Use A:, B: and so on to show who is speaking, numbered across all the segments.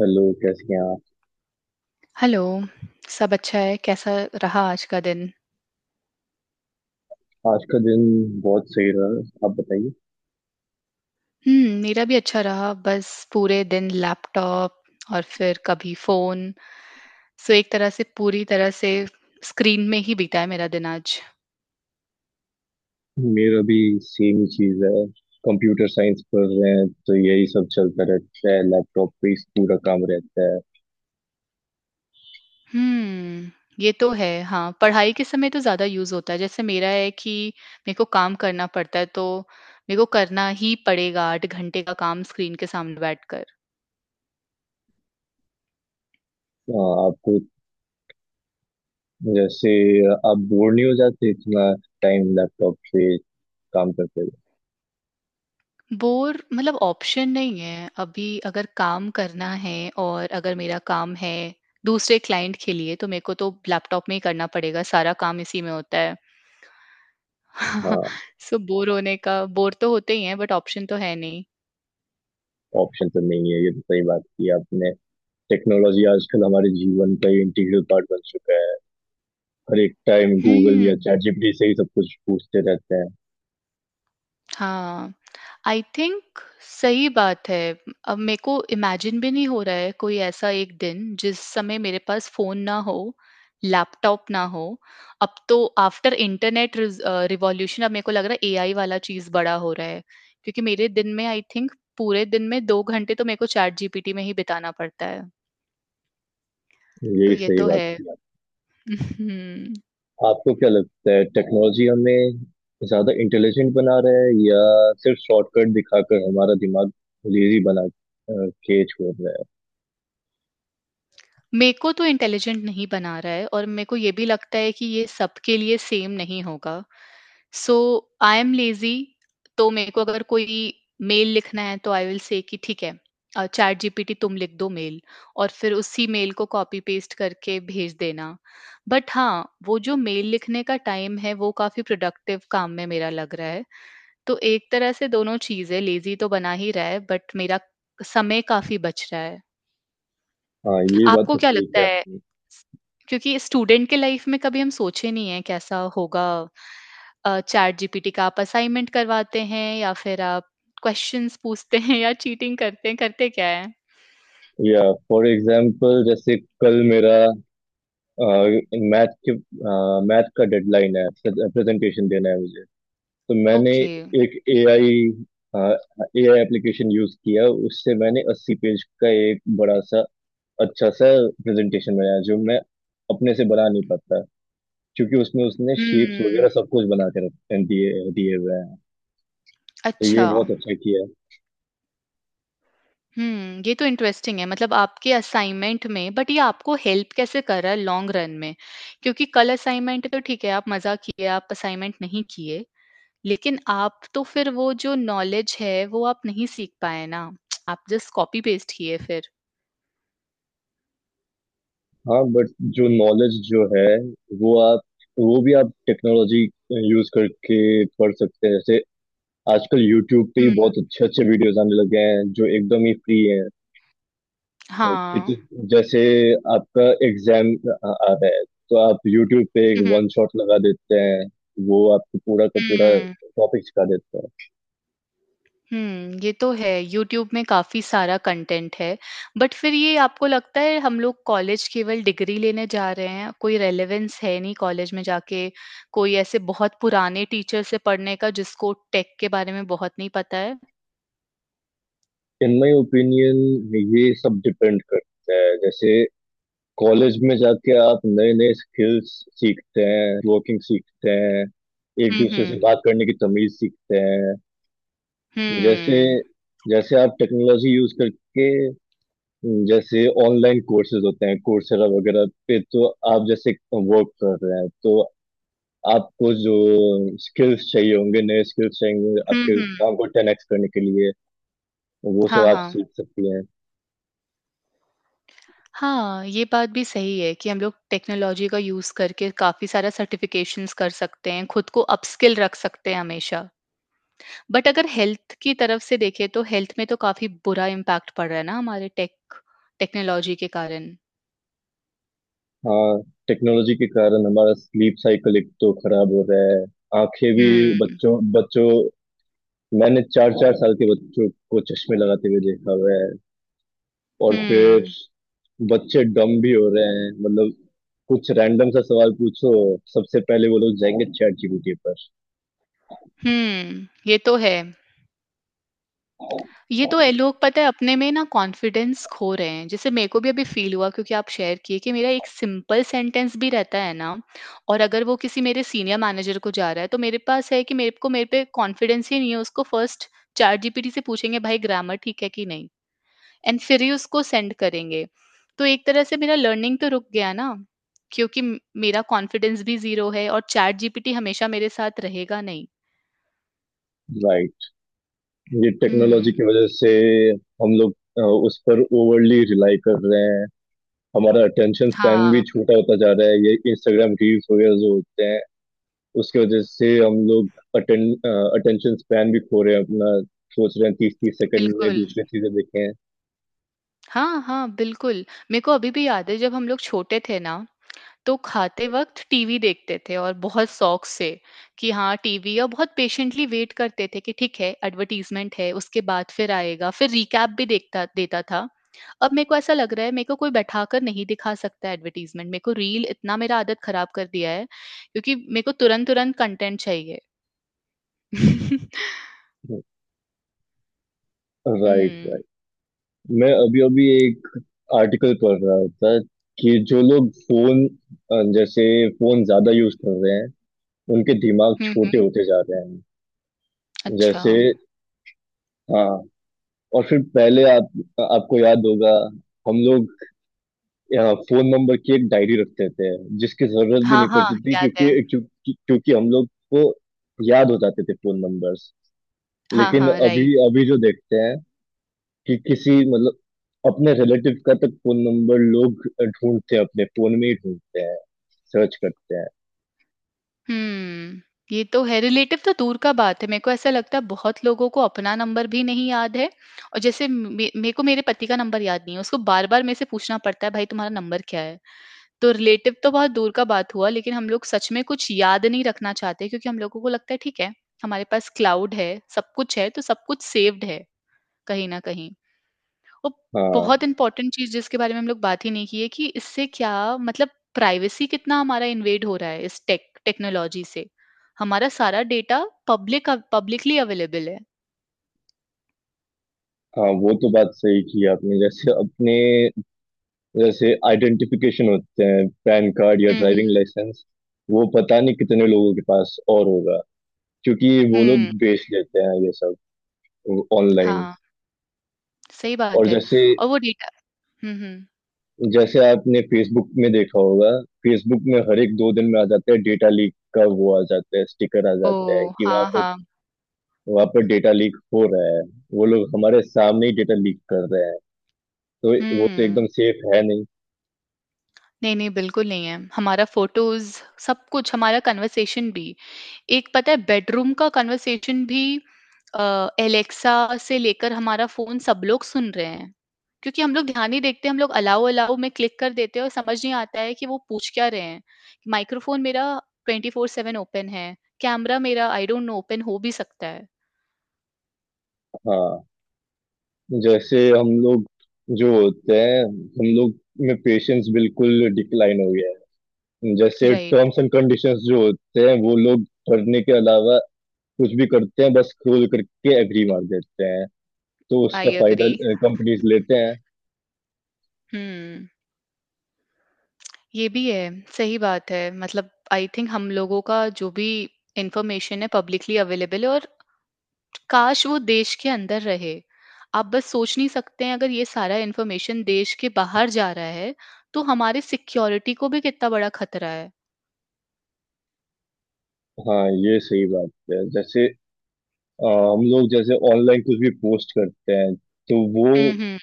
A: Hello, कैसे हैं आप।
B: हेलो, सब अच्छा है? कैसा रहा आज का दिन?
A: आज का दिन बहुत सही रहा, आप बताइए।
B: हुँ, मेरा भी अच्छा रहा, बस पूरे दिन लैपटॉप और फिर कभी फ़ोन, सो एक तरह से पूरी तरह से स्क्रीन में ही बीता है मेरा दिन आज।
A: मेरा भी सेम ही चीज़ है। कंप्यूटर साइंस पढ़ रहे हैं तो यही सब चलता रहता है, लैपटॉप पे ही पूरा काम रहता है।
B: हुँ, ये तो है, हाँ, पढ़ाई के समय तो ज़्यादा यूज़ होता है, जैसे मेरा है कि मेरे को काम करना पड़ता है, तो मेरे को करना ही पड़ेगा 8 घंटे का काम स्क्रीन के सामने बैठकर।
A: आ, आपको, जैसे, आप बोर नहीं हो जाते इतना टाइम लैपटॉप पे काम करते हुए?
B: बोर मतलब ऑप्शन नहीं है। अभी अगर काम करना है और अगर मेरा काम है दूसरे क्लाइंट के लिए तो मेरे को तो लैपटॉप में ही करना पड़ेगा, सारा काम इसी में होता है।
A: हाँ,
B: सो बोर होने का बोर तो होते ही हैं बट ऑप्शन तो है नहीं।
A: ऑप्शन तो नहीं है, ये तो सही बात की आपने। टेक्नोलॉजी आजकल हमारे जीवन का इंटीग्रल पार्ट बन चुका है। हर एक टाइम गूगल
B: हुँ।
A: या चैट जीपीटी से ही सब कुछ पूछते रहते हैं।
B: हाँ, आई थिंक सही बात है। अब मेरे को इमेजिन भी नहीं हो रहा है कोई ऐसा एक दिन जिस समय मेरे पास फ़ोन ना हो, लैपटॉप ना हो। अब तो आफ्टर इंटरनेट रिवॉल्यूशन अब मेरे को लग रहा है एआई वाला चीज़ बड़ा हो रहा है। क्योंकि मेरे दिन में आई थिंक पूरे दिन में 2 घंटे तो मेरे को चैटजीपीटी में ही बिताना पड़ता है। तो
A: यही
B: ये
A: सही
B: तो
A: बात
B: है।
A: की।
B: हुँ।
A: आपको क्या लगता है टेक्नोलॉजी हमें ज्यादा इंटेलिजेंट बना रहा है, या सिर्फ शॉर्टकट दिखाकर हमारा दिमाग लेजी बना के छोड़ रहा है?
B: मेरे को तो इंटेलिजेंट नहीं बना रहा है और मेरे को ये भी लगता है कि ये सबके लिए सेम नहीं होगा। सो आई एम लेजी तो मेरे को अगर कोई मेल लिखना है तो आई विल से कि ठीक है चैट जीपीटी तुम लिख दो मेल और फिर उसी मेल को कॉपी पेस्ट करके भेज देना बट हाँ वो जो मेल लिखने का टाइम है वो काफी प्रोडक्टिव काम में मेरा लग रहा है तो एक तरह से दोनों चीजें लेजी तो बना ही रहा है बट मेरा समय काफी बच रहा है।
A: हाँ, ये बात
B: आपको
A: तो
B: क्या
A: सही
B: लगता
A: है
B: है
A: आपने।
B: स- क्योंकि स्टूडेंट के लाइफ में कभी हम सोचे नहीं है कैसा होगा चैट जीपीटी का? आप असाइनमेंट करवाते हैं या फिर आप क्वेश्चंस पूछते हैं या चीटिंग करते हैं, करते क्या है?
A: या, फॉर एग्जाम्पल, जैसे कल मेरा मैथ के मैथ का डेडलाइन है, प्रेजेंटेशन देना है मुझे। तो मैंने
B: ओके।
A: एक एआई एआई एप्लीकेशन यूज किया, उससे मैंने 80 पेज का एक बड़ा सा, अच्छा सा प्रेजेंटेशन बनाया जो मैं अपने से बना नहीं पाता, क्योंकि उसमें उसने
B: हम्म।
A: शेप्स वगैरह सब कुछ बना के रख दिए दिए हुए हैं। तो ये
B: अच्छा।
A: बहुत अच्छा किया है।
B: हम्म, ये तो इंटरेस्टिंग है, मतलब आपके असाइनमेंट में। बट ये आपको हेल्प कैसे कर रहा है लॉन्ग रन में? क्योंकि कल असाइनमेंट तो ठीक है, आप मजा किए, आप असाइनमेंट नहीं किए, लेकिन आप तो फिर वो जो नॉलेज है, वो आप नहीं सीख पाए ना। आप जस्ट कॉपी पेस्ट किए फिर।
A: हाँ बट, जो नॉलेज जो है, वो आप वो भी आप टेक्नोलॉजी यूज करके पढ़ सकते हैं। जैसे आजकल यूट्यूब पे ही
B: हुँ,
A: बहुत अच्छे अच्छे वीडियोस आने लगे हैं जो एकदम ही फ्री हैं। कि-
B: हाँ।
A: जैसे आपका एग्जाम आ आ रहा है, तो आप यूट्यूब पे एक
B: हुँ, हुँ,
A: वन शॉट लगा देते हैं, वो आपको पूरा का पूरा
B: हुँ,
A: टॉपिक सिखा देता है।
B: हुँ, ये तो है, यूट्यूब में काफ़ी सारा कंटेंट है। बट फिर ये आपको लगता है हम लोग कॉलेज केवल डिग्री लेने जा रहे हैं, कोई रेलेवेंस है नहीं कॉलेज में जाके, कोई ऐसे बहुत पुराने टीचर से पढ़ने का जिसको टेक के बारे में बहुत नहीं पता है?
A: इन माई ओपिनियन, ये सब डिपेंड करता है। जैसे कॉलेज में जाके आप नए नए स्किल्स सीखते हैं, वर्किंग सीखते हैं, एक
B: हुँ,
A: दूसरे से
B: हुँ।
A: बात करने की तमीज सीखते हैं।
B: हुँ।
A: जैसे जैसे आप टेक्नोलॉजी यूज करके, जैसे ऑनलाइन कोर्सेज होते हैं कोर्सेरा वगैरह पे, तो आप जैसे वर्क कर रहे हैं तो आपको जो स्किल्स चाहिए होंगे नए स्किल्स चाहिए होंगे
B: हुँ,
A: आपके
B: हुँ।
A: काम को 10x करने के लिए, वो
B: हाँ,
A: सब आप
B: हाँ।
A: सीख सकती हैं।
B: हाँ, ये बात भी सही है कि हम लोग टेक्नोलॉजी का यूज़ करके काफ़ी सारा सर्टिफ़िकेशंस कर सकते हैं, खुद को अपस्किल रख सकते हैं हमेशा। बट अगर हेल्थ की तरफ से देखें तो हेल्थ में तो काफ़ी बुरा इम्पैक्ट पड़ रहा है ना हमारे टेक्नोलॉजी के कारण।
A: हाँ, टेक्नोलॉजी के कारण हमारा स्लीप साइकिल एक तो खराब हो रहा है, आंखें भी,
B: हुँ,
A: बच्चों बच्चों मैंने 4 4 साल के बच्चों को चश्मे लगाते हुए देखा हुआ है। और फिर
B: हुँ,
A: बच्चे डम भी हो रहे हैं, मतलब कुछ रैंडम सा सवाल पूछो, सबसे पहले वो लोग जाएंगे चैट जीपीटी पर।
B: हुँ, ये तो है। ये तो लोग पता है अपने में ना कॉन्फिडेंस खो रहे हैं, जैसे मेरे को भी अभी फील हुआ क्योंकि आप शेयर किए कि मेरा एक सिंपल सेंटेंस भी रहता है ना और अगर वो किसी मेरे सीनियर मैनेजर को जा रहा है तो मेरे पास है कि मेरे को, मेरे पे कॉन्फिडेंस ही नहीं है, उसको फर्स्ट चैट जीपीटी से पूछेंगे भाई ग्रामर ठीक है कि नहीं, एंड फिर ही उसको सेंड करेंगे। तो एक तरह से मेरा लर्निंग तो रुक गया ना, क्योंकि मेरा कॉन्फिडेंस भी जीरो है और चैट जीपीटी हमेशा मेरे साथ रहेगा नहीं।
A: राइट। ये टेक्नोलॉजी
B: हम्म।
A: की वजह से हम लोग अ, उस पर ओवरली रिलाई कर रहे हैं। हमारा अटेंशन स्पैन
B: हाँ।
A: भी छोटा होता जा रहा है, ये इंस्टाग्राम रील्स वगैरह जो होते हैं, उसकी वजह से हम लोग अटेंड अटेंशन स्पैन भी खो रहे हैं अपना। सोच रहे हैं 30 30 सेकंड में
B: बिल्कुल।
A: दूसरी चीजें देखें।
B: हाँ, हाँ, बिल्कुल। मेरे को अभी भी याद है, जब हम लोग छोटे थे ना, तो खाते वक़्त टीवी देखते थे और बहुत शौक से कि हाँ टीवी, और बहुत पेशेंटली वेट करते थे कि ठीक है एडवर्टाइज़मेंट है, उसके बाद फिर आएगा। फिर रिकैप भी देखता देता था। अब मेरे को ऐसा लग रहा है मेरे को कोई बैठाकर नहीं दिखा सकता है एडवर्टाइज़मेंट। मेरे को रील इतना मेरा आदत ख़राब कर दिया है क्योंकि मेरे को तुरंत-तुरंत कंटेंट चाहिए।
A: राइट,
B: हुँ।
A: राइट। मैं अभी अभी एक आर्टिकल पढ़ रहा था कि जो लोग जैसे फोन ज्यादा यूज कर रहे हैं, उनके दिमाग
B: हुँ,
A: छोटे
B: हुँ।
A: होते जा रहे हैं।
B: अच्छा।
A: जैसे, हाँ, और फिर पहले आप आपको याद होगा, हम लोग फोन नंबर की एक डायरी रख देते हैं जिसकी जरूरत भी
B: हाँ,
A: नहीं
B: हाँ,
A: पड़ती थी,
B: याद है।
A: क्योंकि क्योंकि क्योंकि हम लोग को याद हो जाते थे फोन नंबर्स।
B: हाँ,
A: लेकिन
B: हाँ,
A: अभी
B: राइट।
A: अभी जो देखते हैं कि किसी, मतलब, अपने रिलेटिव का तक फोन नंबर लोग ढूंढते हैं, अपने फोन में ही ढूंढते हैं, सर्च करते हैं।
B: हम्म, ये तो है, रिलेटिव तो दूर का बात है। मेरे को ऐसा लगता है बहुत लोगों को अपना नंबर भी नहीं याद है, और जैसे मे मेरे को, मेरे पति का नंबर याद नहीं है। उसको बार-बार मेरे से पूछना पड़ता है भाई तुम्हारा नंबर क्या है? तो रिलेटिव तो बहुत दूर का बात हुआ, लेकिन हम लोग सच में कुछ याद नहीं रखना चाहते क्योंकि हम लोगों को लगता है ठीक है, हमारे पास क्लाउड है, सब कुछ है, तो सब कुछ सेव्ड है, कहीं न कहीं। तो
A: हाँ,
B: बहुत इंपॉर्टेंट चीज़ जिसके बारे में हम लोग बात ही नहीं की है कि इससे क्या, मतलब प्राइवेसी कितना हमारा इन्वेड हो रहा है इस टेक्नोलॉजी से। हमारा सारा डेटा पब्लिकली अवेलेबल है।
A: हाँ, वो तो बात सही की आपने। जैसे आइडेंटिफिकेशन होते हैं, पैन कार्ड या
B: हुँ,
A: ड्राइविंग
B: हुँ।
A: लाइसेंस, वो पता नहीं कितने लोगों के पास और होगा, क्योंकि वो लोग
B: हुँ,
A: बेच लेते हैं ये सब ऑनलाइन।
B: हाँ, सही
A: और
B: बात है।
A: जैसे
B: और वो डेटा, हुँ, हुँ।
A: जैसे आपने फेसबुक में देखा होगा, फेसबुक में हर एक दो दिन में आ जाता है डेटा लीक का, वो आ जाता है स्टिकर, आ जाता है
B: ओह!
A: कि वहां
B: हाँ,
A: पर
B: हाँ।
A: वहां पर डेटा लीक हो रहा है। वो लोग हमारे सामने ही डेटा लीक कर रहे हैं, तो वो तो एकदम
B: हुँ।
A: सेफ है नहीं।
B: नहीं, नहीं, बिल्कुल नहीं है। हमारा फ़ोटोज़, सब कुछ, हमारा कन्वर्सेशन भी। एक पता है बेडरूम का कन्वर्सेशन भी एलेक्सा से लेकर हमारा फ़ोन, सब लोग सुन रहे हैं। क्योंकि हम लोग ध्यान नहीं देखते, हम लोग अलाउ अलाउ में क्लिक कर देते हैं और समझ नहीं आता है कि वो पूछ क्या रहे हैं। माइक्रोफ़ोन मेरा 24/7 ओपन है, कैमरा मेरा आई डोंट नो ओपन हो भी सकता है।
A: हाँ, जैसे हम लोग जो होते हैं हम लोग में पेशेंस बिल्कुल डिक्लाइन हो गया है। जैसे
B: राइट,
A: टर्म्स एंड कंडीशंस जो होते हैं, वो लोग पढ़ने के अलावा कुछ भी करते हैं, बस खोल करके एग्री मार देते हैं, तो उसका
B: आई
A: फायदा
B: एग्री।
A: कंपनीज लेते हैं।
B: हुँ, ये भी है, सही बात है। मतलब आई थिंक हम लोगों का जो भी इन्फॉर्मेशन है पब्लिकली अवेलेबल है, और काश वो देश के अंदर रहे। आप बस सोच नहीं सकते हैं, अगर ये सारा इन्फॉर्मेशन देश के बाहर जा रहा है, तो हमारे सिक्योरिटी को भी कितना बड़ा खतरा है।
A: हाँ, ये सही बात है। जैसे हम लोग जैसे ऑनलाइन कुछ भी पोस्ट करते हैं, तो वो
B: हुँ, हुँ,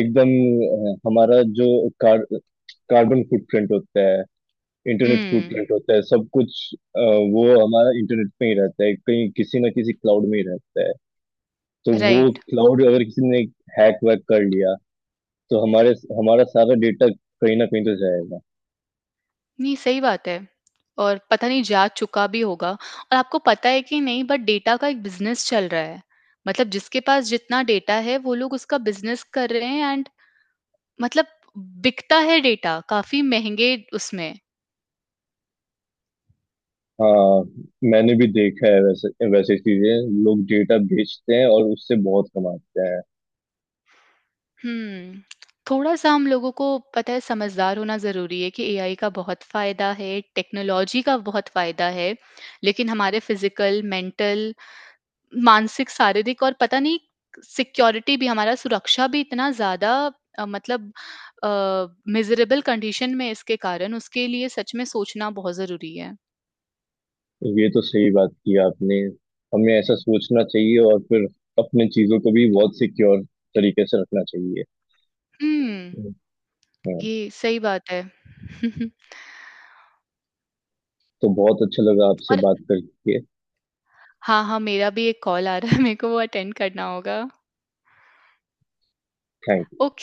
A: एकदम, हमारा जो कार, कार्बन फुटप्रिंट होता है, इंटरनेट
B: हुँ,
A: फुटप्रिंट होता है, सब कुछ, वो हमारा इंटरनेट पे ही रहता है, कहीं किसी ना किसी क्लाउड में ही रहता है। तो वो
B: राइट।
A: क्लाउड अगर किसी ने हैक वैक कर लिया, तो हमारे हमारा सारा डेटा कहीं ना कहीं तो जाएगा।
B: नहीं, सही बात है, और पता नहीं जा चुका भी होगा और आपको पता है कि नहीं, बट डेटा का एक बिज़नेस चल रहा है। मतलब जिसके पास जितना डेटा है वो लोग उसका बिज़नेस कर रहे हैं, एंड मतलब बिकता है डेटा काफ़ी महँगे उसमें।
A: हाँ, मैंने भी देखा है, वैसे वैसे चीजें लोग डेटा बेचते हैं और उससे बहुत कमाते हैं।
B: हुँ। थोड़ा-सा हम लोगों को पता है समझदार होना ज़रूरी है कि एआई का बहुत फ़ायदा है, टेक्नोलॉजी का बहुत फ़ायदा है, लेकिन हमारे फ़िज़िकल, मेंटल, मानसिक, शारीरिक और पता नहीं, सिक्योरिटी भी, हमारा सुरक्षा भी इतना ज़्यादा मतलब अ, मिज़रेबल कंडीशन में है इसके कारण, उसके लिए सच में सोचना बहुत ज़रूरी है।
A: ये तो सही बात की आपने, हमें ऐसा सोचना चाहिए, और फिर अपने चीजों को भी बहुत सिक्योर तरीके से रखना चाहिए।
B: हुँ,
A: हाँ।
B: ये सही बात है।
A: तो बहुत अच्छा लगा आपसे
B: और
A: बात करके।
B: हाँ, हाँ, मेरा भी एक कॉल आ रहा है, मेरे को वो अटेंड करना होगा।
A: Thank
B: okay.